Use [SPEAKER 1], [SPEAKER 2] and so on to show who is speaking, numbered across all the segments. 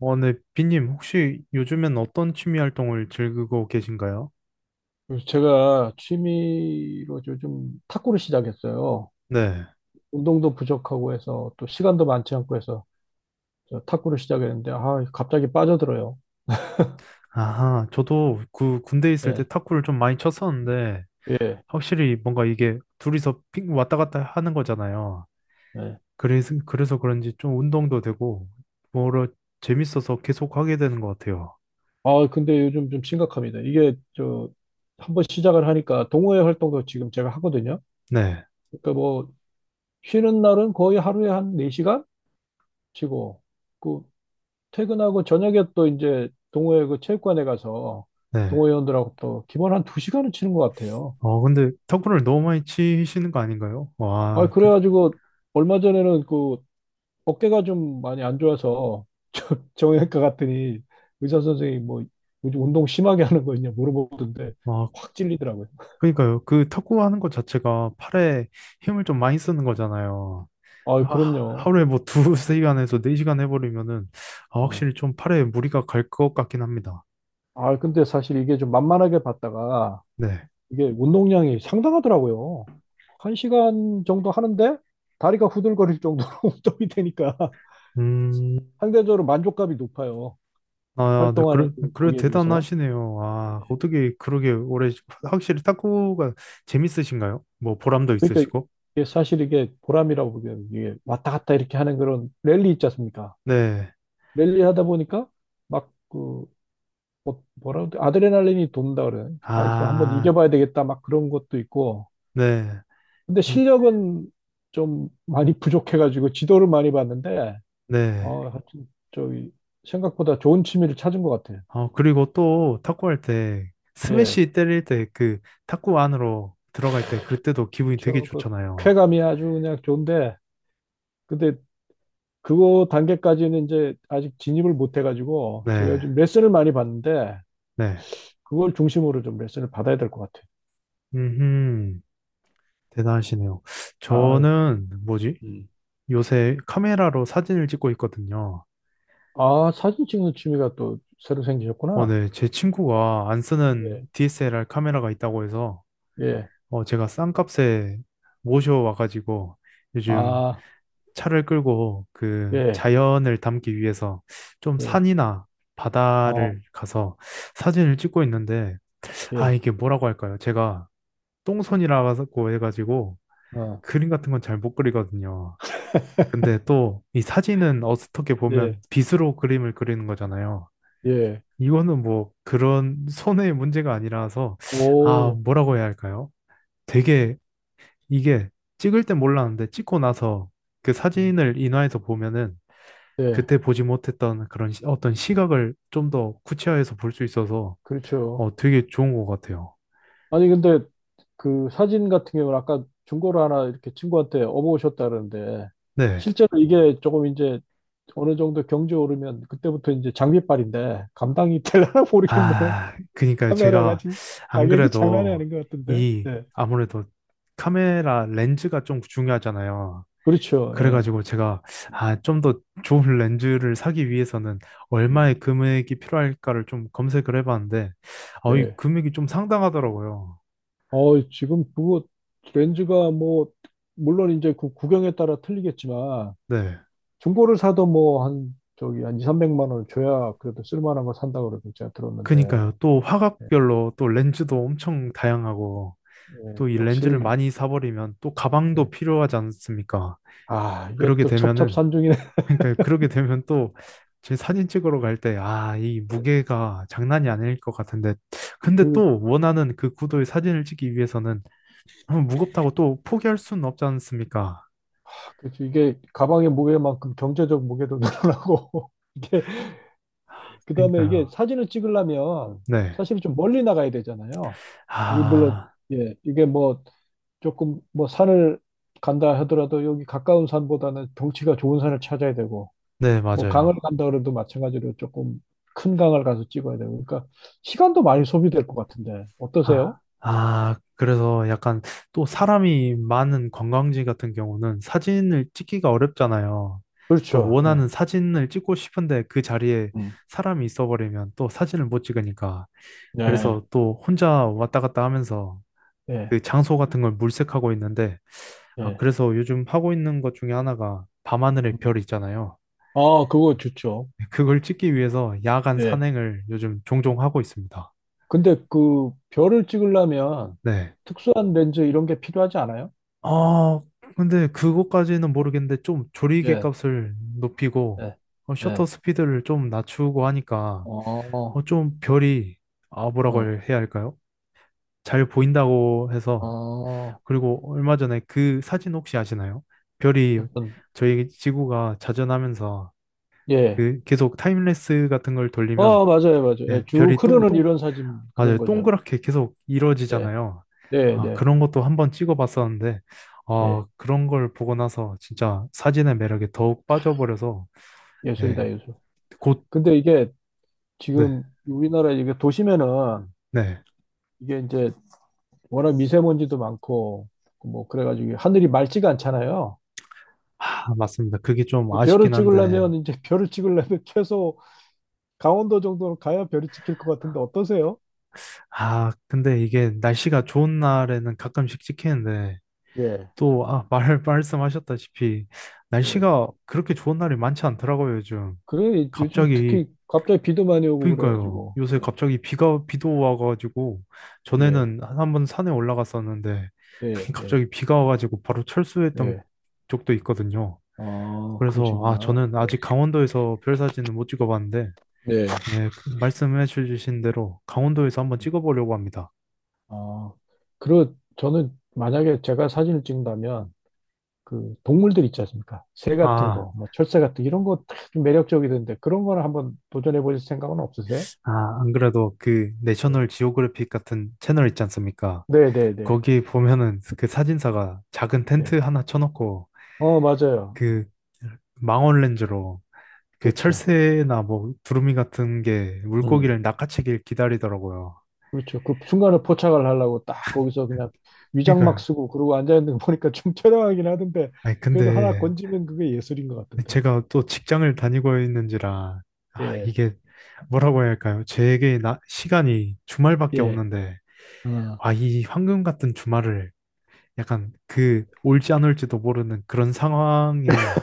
[SPEAKER 1] 네, 비님, 혹시 요즘엔 어떤 취미 활동을 즐기고 계신가요?
[SPEAKER 2] 그래서 제가 취미로 요즘 탁구를 시작했어요.
[SPEAKER 1] 네.
[SPEAKER 2] 운동도 부족하고 해서 또 시간도 많지 않고 해서 저 탁구를 시작했는데 아, 갑자기 빠져들어요.
[SPEAKER 1] 아하, 저도 그 군대에 있을 때
[SPEAKER 2] 예,
[SPEAKER 1] 탁구를 좀 많이 쳤었는데,
[SPEAKER 2] 예,
[SPEAKER 1] 확실히 뭔가 이게 둘이서 핑 왔다 갔다 하는 거잖아요.
[SPEAKER 2] 예.
[SPEAKER 1] 그래서 그런지 좀 운동도 되고, 뭐라 재밌어서 계속 하게 되는 것 같아요.
[SPEAKER 2] 아, 근데 요즘 좀 심각합니다. 이게 저 한번 시작을 하니까 동호회 활동도 지금 제가 하거든요.
[SPEAKER 1] 네,
[SPEAKER 2] 그러니까 뭐 쉬는 날은 거의 하루에 한 4시간 치고 그 퇴근하고 저녁에 또 이제 동호회 그 체육관에 가서
[SPEAKER 1] 네.
[SPEAKER 2] 동호회원들하고 또 기본 한 2시간은 치는 것 같아요.
[SPEAKER 1] 근데 탁구를 너무 많이 치시는 거 아닌가요?
[SPEAKER 2] 아, 그래가지고 얼마 전에는 그 어깨가 좀 많이 안 좋아서 정형외과 갔더니 의사 선생님이 뭐 요즘 운동 심하게 하는 거 있냐 물어보던데
[SPEAKER 1] 와,
[SPEAKER 2] 확 찔리더라고요.
[SPEAKER 1] 그러니까요. 그 탁구 하는 것 자체가 팔에 힘을 좀 많이 쓰는 거잖아요.
[SPEAKER 2] 아,
[SPEAKER 1] 하-
[SPEAKER 2] 그럼요.
[SPEAKER 1] 하루에 뭐 두세 시간에서 4시간 해버리면은 아,
[SPEAKER 2] 아,
[SPEAKER 1] 확실히 좀 팔에 무리가 갈 것 같긴 합니다.
[SPEAKER 2] 아, 근데 사실 이게 좀 만만하게 봤다가
[SPEAKER 1] 네.
[SPEAKER 2] 이게 운동량이 상당하더라고요. 한 시간 정도 하는데 다리가 후들거릴 정도로 운동이 되니까
[SPEAKER 1] 음,
[SPEAKER 2] 상대적으로 만족감이 높아요.
[SPEAKER 1] 아, 네,
[SPEAKER 2] 활동하는
[SPEAKER 1] 그래,
[SPEAKER 2] 그
[SPEAKER 1] 그래
[SPEAKER 2] 거기에 비해서.
[SPEAKER 1] 대단하시네요. 아, 어떻게 그러게 오래, 확실히 탁구가 재밌으신가요? 뭐 보람도
[SPEAKER 2] 그러니까
[SPEAKER 1] 있으시고.
[SPEAKER 2] 이게 사실 이게 보람이라고 보기에는 이게 왔다 갔다 이렇게 하는 그런 랠리 있지 않습니까?
[SPEAKER 1] 네.
[SPEAKER 2] 랠리 하다 보니까 막 그 뭐라 그 아드레날린이 돈다 그래요. 아, 이거 한번
[SPEAKER 1] 아,
[SPEAKER 2] 이겨봐야 되겠다 막 그런 것도 있고.
[SPEAKER 1] 네.
[SPEAKER 2] 근데
[SPEAKER 1] 이-
[SPEAKER 2] 실력은 좀 많이 부족해가지고 지도를 많이 봤는데
[SPEAKER 1] 네.
[SPEAKER 2] 어 하여튼 저기 생각보다 좋은 취미를 찾은 것 같아요.
[SPEAKER 1] 그리고 또 탁구할 때
[SPEAKER 2] 예,
[SPEAKER 1] 스매시 때릴 때 그 탁구 안으로 들어갈 때 그때도 기분이 되게
[SPEAKER 2] 그렇죠. 그
[SPEAKER 1] 좋잖아요.
[SPEAKER 2] 쾌감이 아주 그냥 좋은데 근데 그거 단계까지는 이제 아직 진입을 못 해가지고 제가
[SPEAKER 1] 네.
[SPEAKER 2] 요즘 레슨을 많이 받는데
[SPEAKER 1] 네.
[SPEAKER 2] 그걸 중심으로 좀 레슨을 받아야 될 것
[SPEAKER 1] 음. 대단하시네요.
[SPEAKER 2] 같아요.
[SPEAKER 1] 저는 뭐지?
[SPEAKER 2] 음.
[SPEAKER 1] 요새 카메라로 사진을 찍고 있거든요.
[SPEAKER 2] 아, 아, 사진 찍는 취미가 또 새로 생기셨구나.
[SPEAKER 1] 네. 제 친구가 안 쓰는
[SPEAKER 2] 예,
[SPEAKER 1] DSLR 카메라가 있다고 해서
[SPEAKER 2] 예,
[SPEAKER 1] 제가 싼 값에 모셔와가지고 요즘
[SPEAKER 2] 아,
[SPEAKER 1] 차를 끌고 그
[SPEAKER 2] 예,
[SPEAKER 1] 자연을 담기 위해서 좀
[SPEAKER 2] 예,
[SPEAKER 1] 산이나
[SPEAKER 2] 어,
[SPEAKER 1] 바다를 가서 사진을 찍고 있는데 아,
[SPEAKER 2] 예,
[SPEAKER 1] 이게 뭐라고 할까요? 제가 똥손이라고 해가지고
[SPEAKER 2] 어,
[SPEAKER 1] 그림 같은 건 잘 못 그리거든요. 근데 또 이 사진은 어떻게 보면
[SPEAKER 2] 예,
[SPEAKER 1] 빗으로 그림을 그리는 거잖아요.
[SPEAKER 2] 예,
[SPEAKER 1] 이거는 뭐 그런 손해의 문제가 아니라서 아,
[SPEAKER 2] 오,
[SPEAKER 1] 뭐라고 해야 할까요? 되게 이게 찍을 땐 몰랐는데 찍고 나서 그
[SPEAKER 2] 음,
[SPEAKER 1] 사진을 인화해서 보면은
[SPEAKER 2] 예,
[SPEAKER 1] 그때 보지 못했던 그런 어떤 시각을 좀 더 구체화해서 볼 수 있어서
[SPEAKER 2] 그렇죠.
[SPEAKER 1] 되게 좋은 것 같아요.
[SPEAKER 2] 아니, 근데 그 사진 같은 경우는 아까 중고로 하나 이렇게 친구한테 업어오셨다 그러는데,
[SPEAKER 1] 네.
[SPEAKER 2] 실제로 이게 조금 이제 어느 정도 경제 오르면 그때부터 이제 장비빨인데, 감당이 될려나 모르겠네요.
[SPEAKER 1] 아, 그러니까
[SPEAKER 2] 카메라가
[SPEAKER 1] 제가
[SPEAKER 2] 지금
[SPEAKER 1] 안
[SPEAKER 2] 가격이 장난이
[SPEAKER 1] 그래도
[SPEAKER 2] 아닌 것 같은데.
[SPEAKER 1] 이
[SPEAKER 2] 네.
[SPEAKER 1] 아무래도 카메라 렌즈가 좀 중요하잖아요.
[SPEAKER 2] 그렇죠. 예.
[SPEAKER 1] 그래가지고 제가 아, 좀 더 좋은 렌즈를 사기 위해서는
[SPEAKER 2] 음.
[SPEAKER 1] 얼마의 금액이 필요할까를 좀 검색을 해봤는데 이
[SPEAKER 2] 네.
[SPEAKER 1] 금액이 좀 상당하더라고요.
[SPEAKER 2] 어, 지금 그거 렌즈가 뭐, 물론 이제 그 구경에 따라 틀리겠지만,
[SPEAKER 1] 네.
[SPEAKER 2] 중고를 사도 뭐 한, 저기 한 2, 300만 원 줘야 그래도 쓸만한 거 산다고 그러고 제가 들었는데,
[SPEAKER 1] 그니까요. 또
[SPEAKER 2] 예,
[SPEAKER 1] 화각별로 또 렌즈도 엄청 다양하고
[SPEAKER 2] 예,
[SPEAKER 1] 또 이 렌즈를
[SPEAKER 2] 역시,
[SPEAKER 1] 많이 사버리면 또 가방도
[SPEAKER 2] 예.
[SPEAKER 1] 필요하지 않습니까?
[SPEAKER 2] 아, 이게
[SPEAKER 1] 그러게
[SPEAKER 2] 또
[SPEAKER 1] 되면은
[SPEAKER 2] 첩첩산중이네.
[SPEAKER 1] 그러니까 그러게 되면 또 제 사진 찍으러 갈 때 아, 이
[SPEAKER 2] 예.
[SPEAKER 1] 무게가 장난이 아닐 것 같은데 근데
[SPEAKER 2] 그,
[SPEAKER 1] 또 원하는 그 구도의 사진을 찍기 위해서는 무겁다고 또 포기할 수는 없지 않습니까?
[SPEAKER 2] 그, 이게 가방의 무게만큼 경제적 무게도 늘어나고, 이게, 그 다음에 이게
[SPEAKER 1] 그러니까요.
[SPEAKER 2] 사진을 찍으려면
[SPEAKER 1] 네.
[SPEAKER 2] 사실 좀 멀리 나가야 되잖아요. 우리 물론,
[SPEAKER 1] 아,
[SPEAKER 2] 예, 이게 뭐 조금 뭐 산을 간다 하더라도 여기 가까운 산보다는 경치가 좋은 산을 찾아야 되고,
[SPEAKER 1] 네,
[SPEAKER 2] 뭐 강을
[SPEAKER 1] 맞아요.
[SPEAKER 2] 간다 그래도 마찬가지로 조금 큰 강을 가서 찍어야 되고, 그러니까 시간도 많이 소비될 것 같은데,
[SPEAKER 1] 아,
[SPEAKER 2] 어떠세요?
[SPEAKER 1] 아, 그래서 약간 또 사람이 많은 관광지 같은 경우는 사진을 찍기가 어렵잖아요. 또
[SPEAKER 2] 그렇죠. 예.
[SPEAKER 1] 원하는 사진을 찍고 싶은데 그 자리에
[SPEAKER 2] 음.
[SPEAKER 1] 사람이 있어버리면 또 사진을 못 찍으니까. 음.
[SPEAKER 2] 네.
[SPEAKER 1] 그래서 또 혼자 왔다 갔다 하면서
[SPEAKER 2] 예,
[SPEAKER 1] 그 장소 같은 걸 물색하고 있는데, 아,
[SPEAKER 2] 예.
[SPEAKER 1] 그래서 요즘 하고 있는 것 중에 하나가 밤하늘의
[SPEAKER 2] 음.
[SPEAKER 1] 별 있잖아요.
[SPEAKER 2] 아, 그거 좋죠.
[SPEAKER 1] 그걸 찍기 위해서 야간
[SPEAKER 2] 예.
[SPEAKER 1] 산행을 요즘 종종 하고 있습니다.
[SPEAKER 2] 근데 그 별을 찍으려면
[SPEAKER 1] 네.
[SPEAKER 2] 특수한 렌즈 이런 게 필요하지 않아요?
[SPEAKER 1] 아, 근데 그것까지는 모르겠는데 좀 조리개
[SPEAKER 2] 예,
[SPEAKER 1] 값을 높이고
[SPEAKER 2] 예,
[SPEAKER 1] 셔터
[SPEAKER 2] 예.
[SPEAKER 1] 스피드를 좀 낮추고 하니까
[SPEAKER 2] 어,
[SPEAKER 1] 좀 별이 아, 뭐라고
[SPEAKER 2] 어,
[SPEAKER 1] 해야 할까요? 잘 보인다고 해서
[SPEAKER 2] 어,
[SPEAKER 1] 그리고 얼마 전에 그 사진 혹시 아시나요? 별이
[SPEAKER 2] 어떤,
[SPEAKER 1] 저희 지구가 자전하면서
[SPEAKER 2] 예.
[SPEAKER 1] 그 계속 타임레스 같은 걸 돌리면
[SPEAKER 2] 어, 맞아요, 맞아요. 예,
[SPEAKER 1] 네,
[SPEAKER 2] 쭉 흐르는 이런 사진 그런
[SPEAKER 1] 맞아요.
[SPEAKER 2] 거죠.
[SPEAKER 1] 동그랗게 계속
[SPEAKER 2] 예,
[SPEAKER 1] 이루어지잖아요.
[SPEAKER 2] 네,
[SPEAKER 1] 아,
[SPEAKER 2] 네,
[SPEAKER 1] 그런 것도 한번 찍어봤었는데,
[SPEAKER 2] 예.
[SPEAKER 1] 아, 그런 걸 보고 나서 진짜 사진의 매력에 더욱 빠져버려서,
[SPEAKER 2] 예술이다,
[SPEAKER 1] 네,
[SPEAKER 2] 예술.
[SPEAKER 1] 곧,
[SPEAKER 2] 근데 이게
[SPEAKER 1] 네,
[SPEAKER 2] 지금 우리나라 이게 도심에는
[SPEAKER 1] 네.
[SPEAKER 2] 이게 이제 워낙 미세먼지도 많고 뭐 그래가지고 하늘이 맑지가 않잖아요.
[SPEAKER 1] 아, 맞습니다. 그게 좀
[SPEAKER 2] 별을
[SPEAKER 1] 아쉽긴 한데,
[SPEAKER 2] 찍으려면 이제 별을 찍으려면 최소 강원도 정도로 가야 별이 찍힐 것 같은데 어떠세요?
[SPEAKER 1] 아, 근데 이게 날씨가 좋은 날에는 가끔씩 찍히는데,
[SPEAKER 2] 예.
[SPEAKER 1] 또, 아, 말씀하셨다시피,
[SPEAKER 2] 예.
[SPEAKER 1] 날씨가 그렇게 좋은 날이 많지 않더라고요, 요즘.
[SPEAKER 2] 그래 요즘
[SPEAKER 1] 갑자기
[SPEAKER 2] 특히 갑자기 비도 많이 오고
[SPEAKER 1] 그러니까요.
[SPEAKER 2] 그래가지고
[SPEAKER 1] 요새
[SPEAKER 2] 예.
[SPEAKER 1] 갑자기 비도 와가지고,
[SPEAKER 2] 예.
[SPEAKER 1] 전에는 한 번 산에 올라갔었는데,
[SPEAKER 2] 예. 예.
[SPEAKER 1] 갑자기 비가 와가지고 바로 철수했던
[SPEAKER 2] 예.
[SPEAKER 1] 적도 있거든요.
[SPEAKER 2] 아,
[SPEAKER 1] 그래서, 아,
[SPEAKER 2] 그러시구나.
[SPEAKER 1] 저는
[SPEAKER 2] 예.
[SPEAKER 1] 아직 강원도에서 별 사진은 못 찍어봤는데,
[SPEAKER 2] 네.
[SPEAKER 1] 예, 그 말씀해 주신 대로 강원도에서 한번 찍어보려고 합니다.
[SPEAKER 2] 아, 그리고 저는 만약에 제가 사진을 찍는다면 그 동물들 있지 않습니까? 새 같은
[SPEAKER 1] 아,
[SPEAKER 2] 거, 뭐 철새 같은 거 이런 거 좀 매력적이던데 그런 거를 한번 도전해 보실 생각은 없으세요?
[SPEAKER 1] 아, 안 그래도 그 내셔널 지오그래픽 같은 채널 있지 않습니까?
[SPEAKER 2] 네, 네, 네. 네.
[SPEAKER 1] 거기 보면은 그 사진사가 작은
[SPEAKER 2] 네.
[SPEAKER 1] 텐트 하나 쳐놓고,
[SPEAKER 2] 어, 맞아요.
[SPEAKER 1] 그 망원 렌즈로 그
[SPEAKER 2] 그렇죠.
[SPEAKER 1] 철새나 뭐 두루미 같은 게
[SPEAKER 2] 음.
[SPEAKER 1] 물고기를 낚아채길 기다리더라고요.
[SPEAKER 2] 그렇죠. 그 순간에 포착을 하려고 딱 거기서 그냥 위장막
[SPEAKER 1] 그러니까요.
[SPEAKER 2] 쓰고 그러고 앉아 있는 거 보니까 좀 처량하긴 하던데
[SPEAKER 1] 아니
[SPEAKER 2] 그래도 하나
[SPEAKER 1] 근데
[SPEAKER 2] 건지면 그게 예술인 것 같던데.
[SPEAKER 1] 제가 또 직장을 다니고 있는지라 아,
[SPEAKER 2] 예,
[SPEAKER 1] 이게 뭐라고 해야 할까요? 시간이 주말밖에
[SPEAKER 2] 예.
[SPEAKER 1] 없는데
[SPEAKER 2] 아,
[SPEAKER 1] 아, 이 황금 같은 주말을 약간 그 올지 안 올지도 모르는 그런 상황에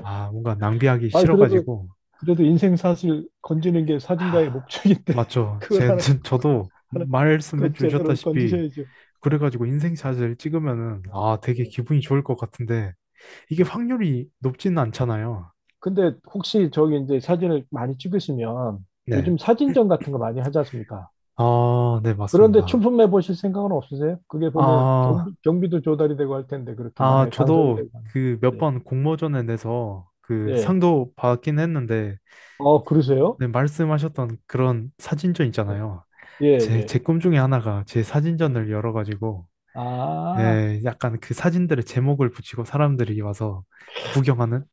[SPEAKER 1] 아, 뭔가 낭비하기
[SPEAKER 2] 아 그래도
[SPEAKER 1] 싫어가지고
[SPEAKER 2] 그래도 인생 사실 건지는 게 사진가의
[SPEAKER 1] 아,
[SPEAKER 2] 목적인데
[SPEAKER 1] 맞죠.
[SPEAKER 2] 그걸
[SPEAKER 1] 제
[SPEAKER 2] 하나
[SPEAKER 1] 저도
[SPEAKER 2] 하나
[SPEAKER 1] 말씀해
[SPEAKER 2] 건 제대로
[SPEAKER 1] 주셨다시피
[SPEAKER 2] 건지셔야죠. 네,
[SPEAKER 1] 그래가지고 인생샷을 찍으면은
[SPEAKER 2] 네,
[SPEAKER 1] 아, 되게 기분이 좋을 것 같은데 이게
[SPEAKER 2] 네.
[SPEAKER 1] 확률이 높지는 않잖아요.
[SPEAKER 2] 근데 혹시 저기 이제 사진을 많이 찍으시면
[SPEAKER 1] 네.
[SPEAKER 2] 요즘 사진전 같은 거 많이 하지 않습니까?
[SPEAKER 1] 아, 네,
[SPEAKER 2] 그런데
[SPEAKER 1] 맞습니다.
[SPEAKER 2] 춘품 해 보실 생각은 없으세요? 그게 보면
[SPEAKER 1] 아,
[SPEAKER 2] 경비, 경비도 조달이 되고 할 텐데 그렇게
[SPEAKER 1] 아,
[SPEAKER 2] 만약에 당선이
[SPEAKER 1] 저도
[SPEAKER 2] 되고 하면.
[SPEAKER 1] 그 몇
[SPEAKER 2] 예.
[SPEAKER 1] 번 공모전에 내서 그
[SPEAKER 2] 예.
[SPEAKER 1] 상도 받긴 했는데,
[SPEAKER 2] 어, 그러세요?
[SPEAKER 1] 네, 말씀하셨던 그런 사진전
[SPEAKER 2] 예.
[SPEAKER 1] 있잖아요.
[SPEAKER 2] 예,
[SPEAKER 1] 제,
[SPEAKER 2] 예.
[SPEAKER 1] 제 꿈 중에 하나가 제
[SPEAKER 2] 예.
[SPEAKER 1] 사진전을 열어가지고,
[SPEAKER 2] 아,
[SPEAKER 1] 예, 약간 그 사진들의 제목을 붙이고 사람들이 와서 구경하는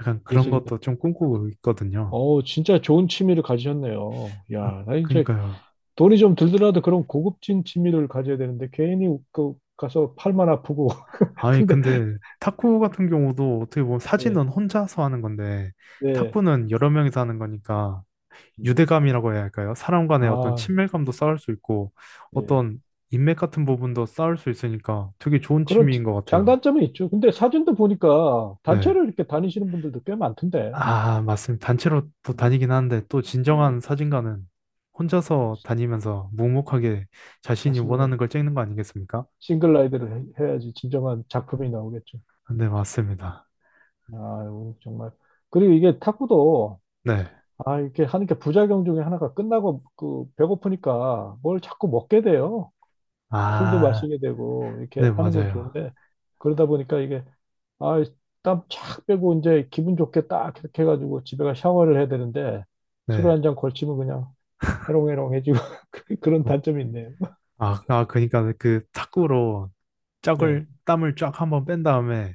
[SPEAKER 1] 약간 그런
[SPEAKER 2] 예술이다.
[SPEAKER 1] 것도 좀 꿈꾸고 있거든요.
[SPEAKER 2] 어, 진짜 좋은 취미를 가지셨네요.
[SPEAKER 1] 아,
[SPEAKER 2] 야, 나 이제
[SPEAKER 1] 그니까요.
[SPEAKER 2] 돈이 좀 들더라도 그런 고급진 취미를 가져야 되는데 괜히 그 가서 팔만 아프고.
[SPEAKER 1] 아니,
[SPEAKER 2] 근데
[SPEAKER 1] 근데 탁구 같은 경우도 어떻게 보면
[SPEAKER 2] 예.
[SPEAKER 1] 사진은 혼자서 하는 건데,
[SPEAKER 2] 예.
[SPEAKER 1] 탁구는 여러 명이서 하는 거니까,
[SPEAKER 2] 음.
[SPEAKER 1] 유대감이라고 해야 할까요? 사람 간의 어떤
[SPEAKER 2] 아,
[SPEAKER 1] 친밀감도 쌓을 수 있고,
[SPEAKER 2] 예.
[SPEAKER 1] 어떤 인맥 같은 부분도 쌓을 수 있으니까 되게 좋은
[SPEAKER 2] 그런
[SPEAKER 1] 취미인
[SPEAKER 2] 지-
[SPEAKER 1] 것 같아요.
[SPEAKER 2] 장단점이 있죠. 근데 사진도 보니까
[SPEAKER 1] 네.
[SPEAKER 2] 단체로 이렇게 다니시는 분들도 꽤 많던데.
[SPEAKER 1] 아, 맞습니다. 단체로 또
[SPEAKER 2] 예.
[SPEAKER 1] 다니긴 하는데, 또
[SPEAKER 2] 예,
[SPEAKER 1] 진정한 사진가는 혼자서 다니면서 묵묵하게 자신이
[SPEAKER 2] 맞습니다.
[SPEAKER 1] 원하는 걸 찍는 거 아니겠습니까?
[SPEAKER 2] 싱글 라이드를 해야지 진정한 작품이 나오겠죠.
[SPEAKER 1] 네, 맞습니다.
[SPEAKER 2] 아, 오늘 정말. 그리고 이게 탁구도,
[SPEAKER 1] 네.
[SPEAKER 2] 아, 이렇게 하는 게 부작용 중에 하나가 끝나고 그 배고프니까 뭘 자꾸 먹게 돼요. 술도
[SPEAKER 1] 아,
[SPEAKER 2] 마시게 되고, 이렇게
[SPEAKER 1] 네,
[SPEAKER 2] 하는 건
[SPEAKER 1] 맞아요.
[SPEAKER 2] 좋은데, 그러다 보니까 이게, 아, 땀 쫙 빼고 이제 기분 좋게 딱 이렇게 해가지고 집에 가 샤워를 해야 되는데, 술
[SPEAKER 1] 네.
[SPEAKER 2] 한 잔 걸치면 그냥 해롱해롱해지고, 그런 단점이 있네요.
[SPEAKER 1] 아, 아, 그러니까 그 탁구로
[SPEAKER 2] 네.
[SPEAKER 1] 짝을 땀을 쫙 한번 뺀 다음에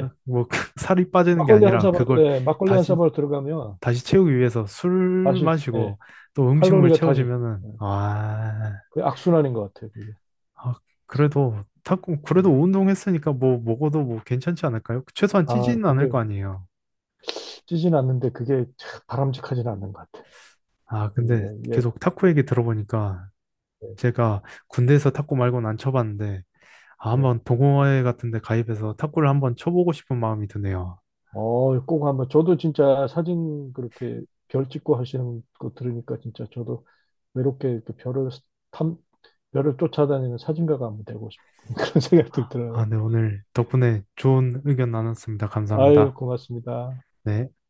[SPEAKER 1] 뭐 그 살이 빠지는 게
[SPEAKER 2] 막걸리 한
[SPEAKER 1] 아니라
[SPEAKER 2] 사발,
[SPEAKER 1] 그걸
[SPEAKER 2] 예, 막걸리 한
[SPEAKER 1] 다시
[SPEAKER 2] 사발 들어가면
[SPEAKER 1] 다시 채우기 위해서 술
[SPEAKER 2] 다시, 예,
[SPEAKER 1] 마시고 또 음식물
[SPEAKER 2] 칼로리가 다시,
[SPEAKER 1] 채워지면은
[SPEAKER 2] 예,
[SPEAKER 1] 아,
[SPEAKER 2] 그게 악순환인 것 같아요, 그게.
[SPEAKER 1] 아, 그래도 탁구 그래도
[SPEAKER 2] 예.
[SPEAKER 1] 운동했으니까 뭐 먹어도 뭐 괜찮지 않을까요? 최소한
[SPEAKER 2] 아,
[SPEAKER 1] 찌지는 않을
[SPEAKER 2] 근데
[SPEAKER 1] 거 아니에요.
[SPEAKER 2] 찌진 않는데 그게 참 바람직하진 않는 것 같아.
[SPEAKER 1] 아,
[SPEAKER 2] 그,
[SPEAKER 1] 근데
[SPEAKER 2] 예, 예,
[SPEAKER 1] 계속 탁구 얘기 들어보니까 제가 군대에서 탁구 말고는 안 쳐봤는데 아,
[SPEAKER 2] 예.
[SPEAKER 1] 한번 동호회 같은 데 가입해서 탁구를 한번 쳐보고 싶은 마음이 드네요.
[SPEAKER 2] 어, 꼭 한번, 저도 진짜 사진 그렇게 별 찍고 하시는 거 들으니까 진짜 저도 외롭게 이렇게 별을 탐, 별을 쫓아다니는 사진가가 한번 되고 싶은 그런 생각도 들어요.
[SPEAKER 1] 아, 네, 오늘 덕분에 좋은 의견 나눴습니다.
[SPEAKER 2] 아유,
[SPEAKER 1] 감사합니다.
[SPEAKER 2] 고맙습니다.
[SPEAKER 1] 네.